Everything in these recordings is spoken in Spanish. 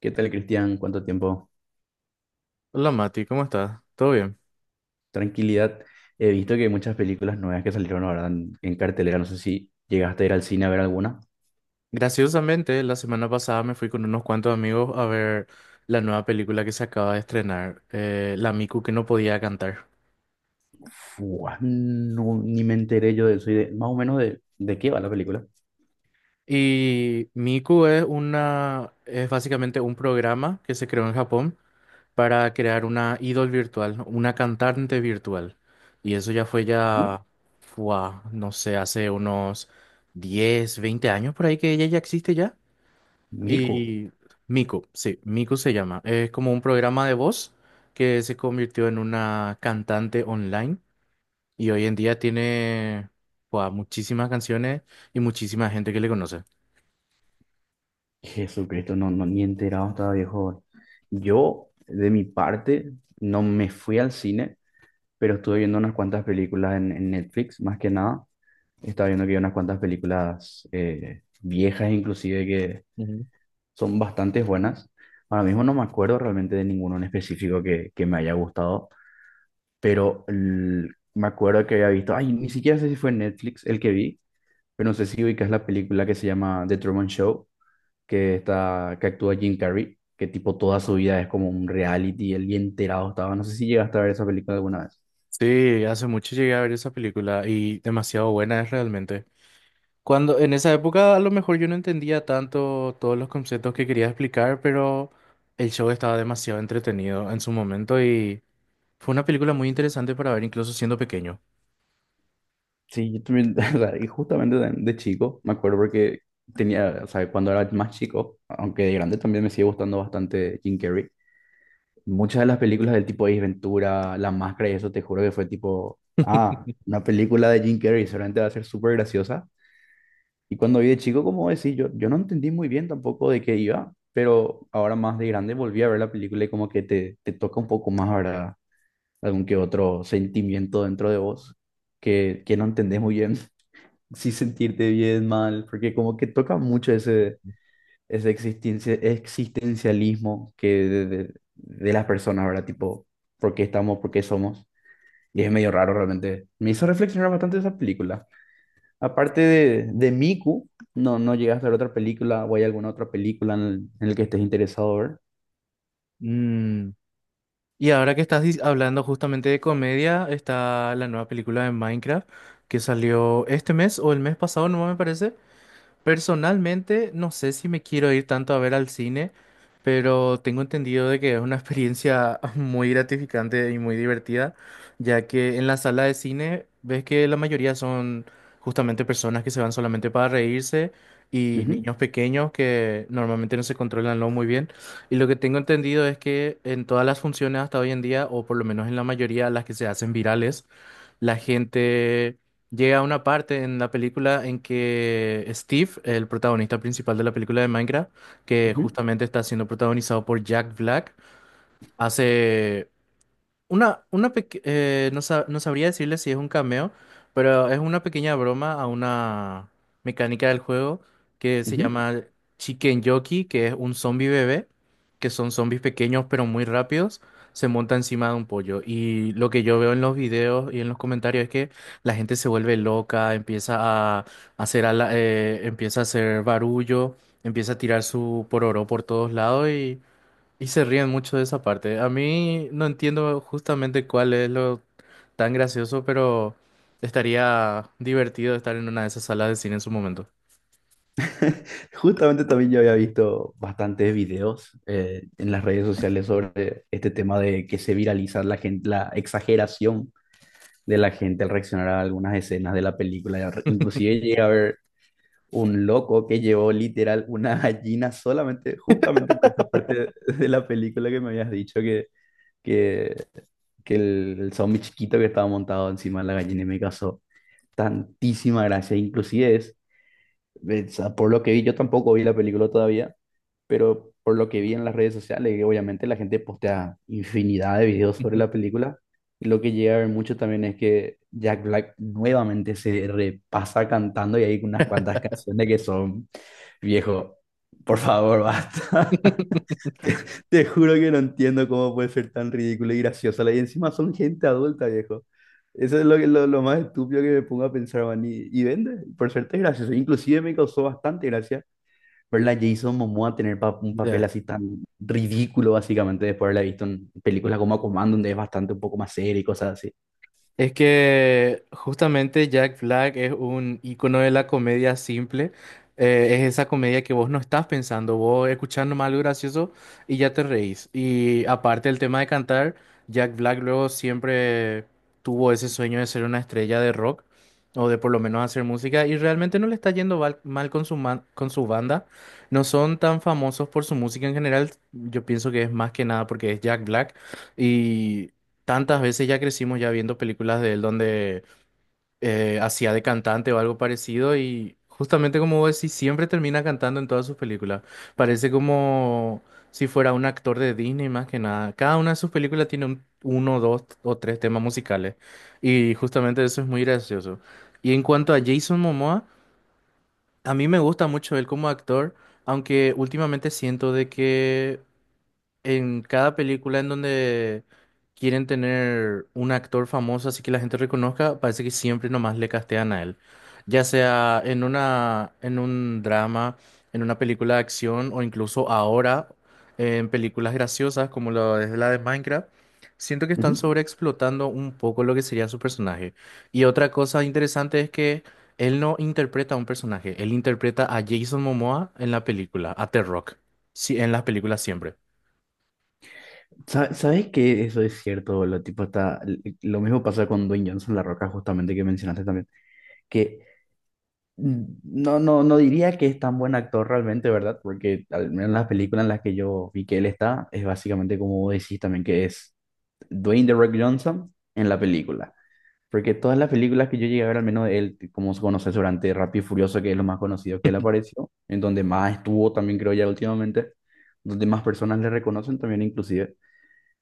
¿Qué tal, Cristian? ¿Cuánto tiempo? Hola Mati, ¿cómo estás? ¿Todo bien? Tranquilidad. He visto que hay muchas películas nuevas que salieron ahora en cartelera. No sé si llegaste a ir al cine a ver alguna. Graciosamente, la semana pasada me fui con unos cuantos amigos a ver la nueva película que se acaba de estrenar, La Miku que no podía cantar. Fua, no, ni me enteré yo de eso. Más o menos de qué va la película. Y Miku es una, es básicamente un programa que se creó en Japón para crear una idol virtual, una cantante virtual. Y eso ya fue Uy, ya, fuá, no sé, hace unos 10, 20 años por ahí que ella ya existe ya. Mico. Y Mico, sí, Mico se llama. Es como un programa de voz que se convirtió en una cantante online y hoy en día tiene buah, muchísimas canciones y muchísima gente que le conoce. Jesucristo, no, no, ni enterado estaba, viejo. Yo, de mi parte, no me fui al cine, pero estuve viendo unas cuantas películas en Netflix, más que nada. Estaba viendo que hay unas cuantas películas viejas, inclusive, que Ujú. son bastante buenas. Ahora mismo no me acuerdo realmente de ninguno en específico que me haya gustado, pero me acuerdo que había visto, ay, ni siquiera sé si fue en Netflix el que vi, pero no sé si ubicas la película que se llama The Truman Show, que está, que actúa Jim Carrey, que tipo toda su vida es como un reality, el día enterado estaba. No sé si llegaste a ver esa película alguna vez. Sí, hace mucho llegué a ver esa película y demasiado buena es realmente. Cuando en esa época a lo mejor yo no entendía tanto todos los conceptos que quería explicar, pero el show estaba demasiado entretenido en su momento y fue una película muy interesante para ver incluso siendo pequeño. Sí, yo también, o sea, y justamente de chico, me acuerdo porque tenía, o sea, cuando era más chico, aunque de grande también me sigue gustando bastante Jim Carrey. Muchas de las películas del tipo Ace Ventura, La Máscara y eso, te juro que fue tipo, ah, una película de Jim Carrey, seguramente va a ser súper graciosa. Y cuando vi de chico, como decís, yo no entendí muy bien tampoco de qué iba, pero ahora más de grande volví a ver la película y como que te toca un poco más, ¿verdad? Algún que otro sentimiento dentro de vos que no entendés muy bien si sentirte bien, mal, porque como que toca mucho ese existencialismo de las personas, ¿verdad? Tipo, ¿por qué estamos? ¿Por qué somos? Y es medio raro realmente. Me hizo reflexionar bastante esa película. Aparte de Miku, no, no llegaste a ver otra película o hay alguna otra película en, en la que estés interesado ver. Mm, Y ahora que hablando justamente de comedia, está la nueva película de Minecraft que salió este mes o el mes pasado, no me parece. Personalmente, no sé si me quiero ir tanto a ver al cine, pero tengo entendido de que es una experiencia muy gratificante y muy divertida, ya que en la sala de cine ves que la mayoría son justamente personas que se van solamente para reírse y Ujú, niños pequeños que normalmente no se controlan lo muy bien. Y lo que tengo entendido es que en todas las funciones hasta hoy en día, o por lo menos en la mayoría, las que se hacen virales, la gente llega a una parte en la película en que Steve, el protagonista principal de la película de Minecraft, que ujú, justamente está siendo protagonizado por Jack Black, hace una, no sabría decirle si es un cameo, pero es una pequeña broma a una mecánica del juego que se ujú. llama Chicken Jockey, que es un zombie bebé, que son zombies pequeños pero muy rápidos, se monta encima de un pollo. Y lo que yo veo en los videos y en los comentarios es que la gente se vuelve loca, empieza a empieza a hacer barullo, empieza a tirar su pororó por todos lados y se ríen mucho de esa parte. A mí no entiendo justamente cuál es lo tan gracioso, pero estaría divertido estar en una de esas salas de cine en su momento. Justamente también yo había visto bastantes videos en las redes sociales sobre este tema de que se viraliza la gente, la exageración de la gente al reaccionar a algunas escenas de la película. Inclusive llegué a ver un loco que llevó literal una gallina solamente, justamente por esa parte de la película que me habías dicho que, que el zombie chiquito que estaba montado encima de la gallina y me causó tantísima gracia. Inclusive es o sea, por lo que vi, yo tampoco vi la película todavía, pero por lo que vi en las redes sociales, que obviamente la gente postea infinidad de videos sobre la película, y lo que llega a ver mucho también es que Jack Black nuevamente se repasa cantando y hay unas cuantas canciones que son, viejo, por favor, basta. Te juro que no entiendo cómo puede ser tan ridículo y graciosa. Y encima son gente adulta, viejo. Eso es lo más estúpido que me pongo a pensar, man. Y vende, por suerte es gracioso. Inclusive me causó bastante gracia ver a Jason Momoa tener un papel Ya. así tan ridículo, básicamente, después de haberla visto en películas como Command, donde es bastante un poco más serio y cosas así. Es que justamente Jack Black es un icono de la comedia simple. Es esa comedia que vos no estás pensando, vos escuchás nomás algo gracioso y ya te reís. Y aparte del tema de cantar, Jack Black luego siempre tuvo ese sueño de ser una estrella de rock o de por lo menos hacer música y realmente no le está mal con con su banda. No son tan famosos por su música en general. Yo pienso que es más que nada porque es Jack Black. Tantas veces ya crecimos ya viendo películas de él donde hacía de cantante o algo parecido y justamente como vos decís, siempre termina cantando en todas sus películas. Parece como si fuera un actor de Disney más que nada. Cada una de sus películas tiene un, uno, dos o tres temas musicales y justamente eso es muy gracioso. Y en cuanto a Jason Momoa, a mí me gusta mucho él como actor, aunque últimamente siento de que en cada película en donde quieren tener un actor famoso así que la gente reconozca, parece que siempre nomás le castean a él. Ya sea en una, en un drama, en una película de acción o incluso ahora en películas graciosas como lo es la de Minecraft. Siento que están Ujú. sobreexplotando un poco lo que sería su personaje. Y otra cosa interesante es que él no interpreta a un personaje, él interpreta a Jason Momoa en la película, a The Rock, sí, en las películas siempre. ¿Sabes que eso es cierto? Lo, tipo está, lo mismo pasa con Dwayne Johnson, La Roca, justamente que mencionaste también que no, no, no diría que es tan buen actor realmente, ¿verdad? Porque al menos en las películas en las que yo vi que él está, es básicamente como vos decís también, que es Dwayne The Rock Johnson en la película. Porque todas las películas que yo llegué a ver, al menos de él, como se conoce durante Rápido y Furioso, que es lo más conocido que él apareció, en donde más estuvo también, creo ya últimamente, donde más personas le reconocen también inclusive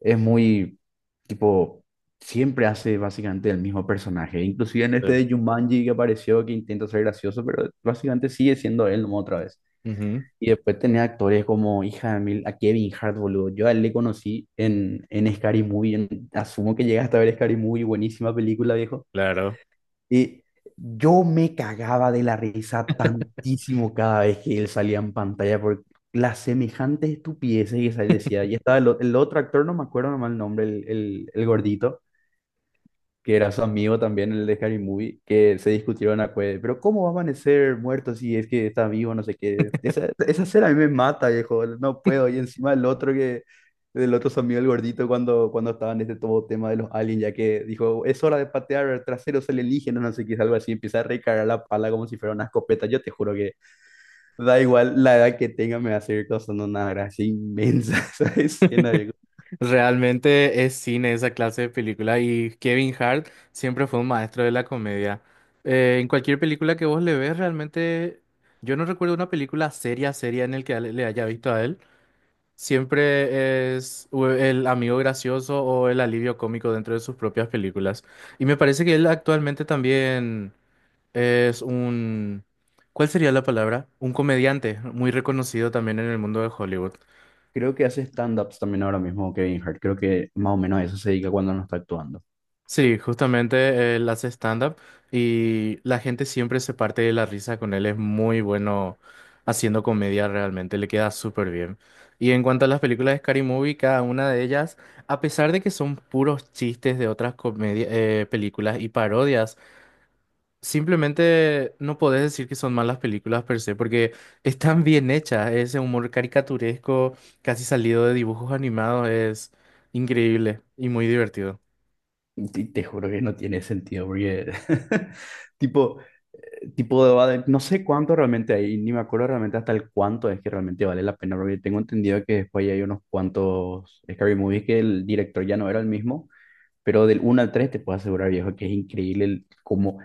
es muy, tipo, siempre hace básicamente el mismo personaje. Inclusive en este de Jumanji que apareció, que intenta ser gracioso, pero básicamente sigue siendo él nomás otra vez. Ujú, Y después tenés actores como, hija de mil, a Kevin Hart, boludo. Yo a él le conocí en Scary Movie. Asumo que llegaste a ver Scary Movie, buenísima película, viejo. claro. Y yo me cagaba de la risa tantísimo cada vez que él salía en pantalla por las semejantes estupideces que decía. Y estaba el otro actor, no me acuerdo nomás el nombre, el gordito, que era su amigo también, el de Harry Movie, que se discutieron a cueve, pero ¿cómo va a amanecer muerto si es que está vivo, no sé qué? Esa escena a mí me mata, viejo, no puedo. Y encima el otro que, del otro su amigo el gordito, cuando estaba en este todo tema de los aliens, ya que dijo, es hora de patear traseros alienígenas, no sé qué, algo así, empieza a recargar la pala como si fuera una escopeta. Yo te juro que da igual la edad que tenga, me va a seguir causando una gracia inmensa esa escena. Realmente es cine esa clase de película y Kevin Hart siempre fue un maestro de la comedia. En cualquier película que vos le ves, realmente yo no recuerdo una película seria, seria en el que le haya visto a él. Siempre es el amigo gracioso o el alivio cómico dentro de sus propias películas. Y me parece que él actualmente también es un... ¿Cuál sería la palabra? Un comediante muy reconocido también en el mundo de Hollywood. Creo que hace stand-ups también ahora mismo Kevin Hart. Creo que más o menos a eso se dedica cuando no está actuando. Sí, justamente él hace stand-up y la gente siempre se parte de la risa con él. Es muy bueno haciendo comedia realmente, le queda súper bien. Y en cuanto a las películas de Scary Movie, cada una de ellas, a pesar de que son puros chistes de otras películas y parodias, simplemente no podés decir que son malas películas per se, porque están bien hechas. Ese humor caricaturesco, casi salido de dibujos animados, es increíble y muy divertido. Te juro que no tiene sentido porque tipo, no sé cuánto realmente hay, ni me acuerdo realmente hasta el cuánto es que realmente vale la pena, porque tengo entendido que después hay unos cuantos Scary Movies que el director ya no era el mismo. Pero del uno al 3 te puedo asegurar, viejo, que es increíble cómo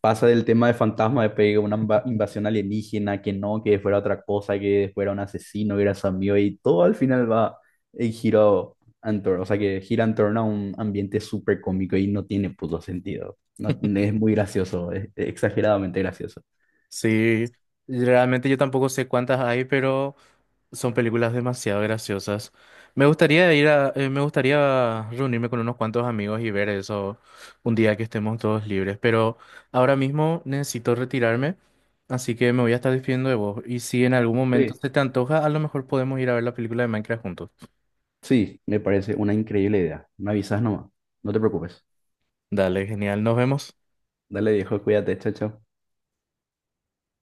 pasa del tema de fantasma, de pedir una invasión alienígena, que no, que fuera otra cosa, que después era un asesino, que era su amigo, y todo al final va el giro o sea, que gira en torno a un ambiente súper cómico y no tiene puto sentido. No, es muy gracioso, es exageradamente gracioso. Sí, realmente yo tampoco sé cuántas hay, pero son películas demasiado graciosas. Me gustaría ir a, me gustaría reunirme con unos cuantos amigos y ver eso un día que estemos todos libres, pero ahora mismo necesito retirarme, así que me voy a estar despidiendo de vos. Y si en algún momento Sí. se te antoja, a lo mejor podemos ir a ver la película de Minecraft juntos. Sí, me parece una increíble idea. Me avisas nomás, no te preocupes. Dale, genial, nos vemos. Dale, viejo, cuídate, chao, chao.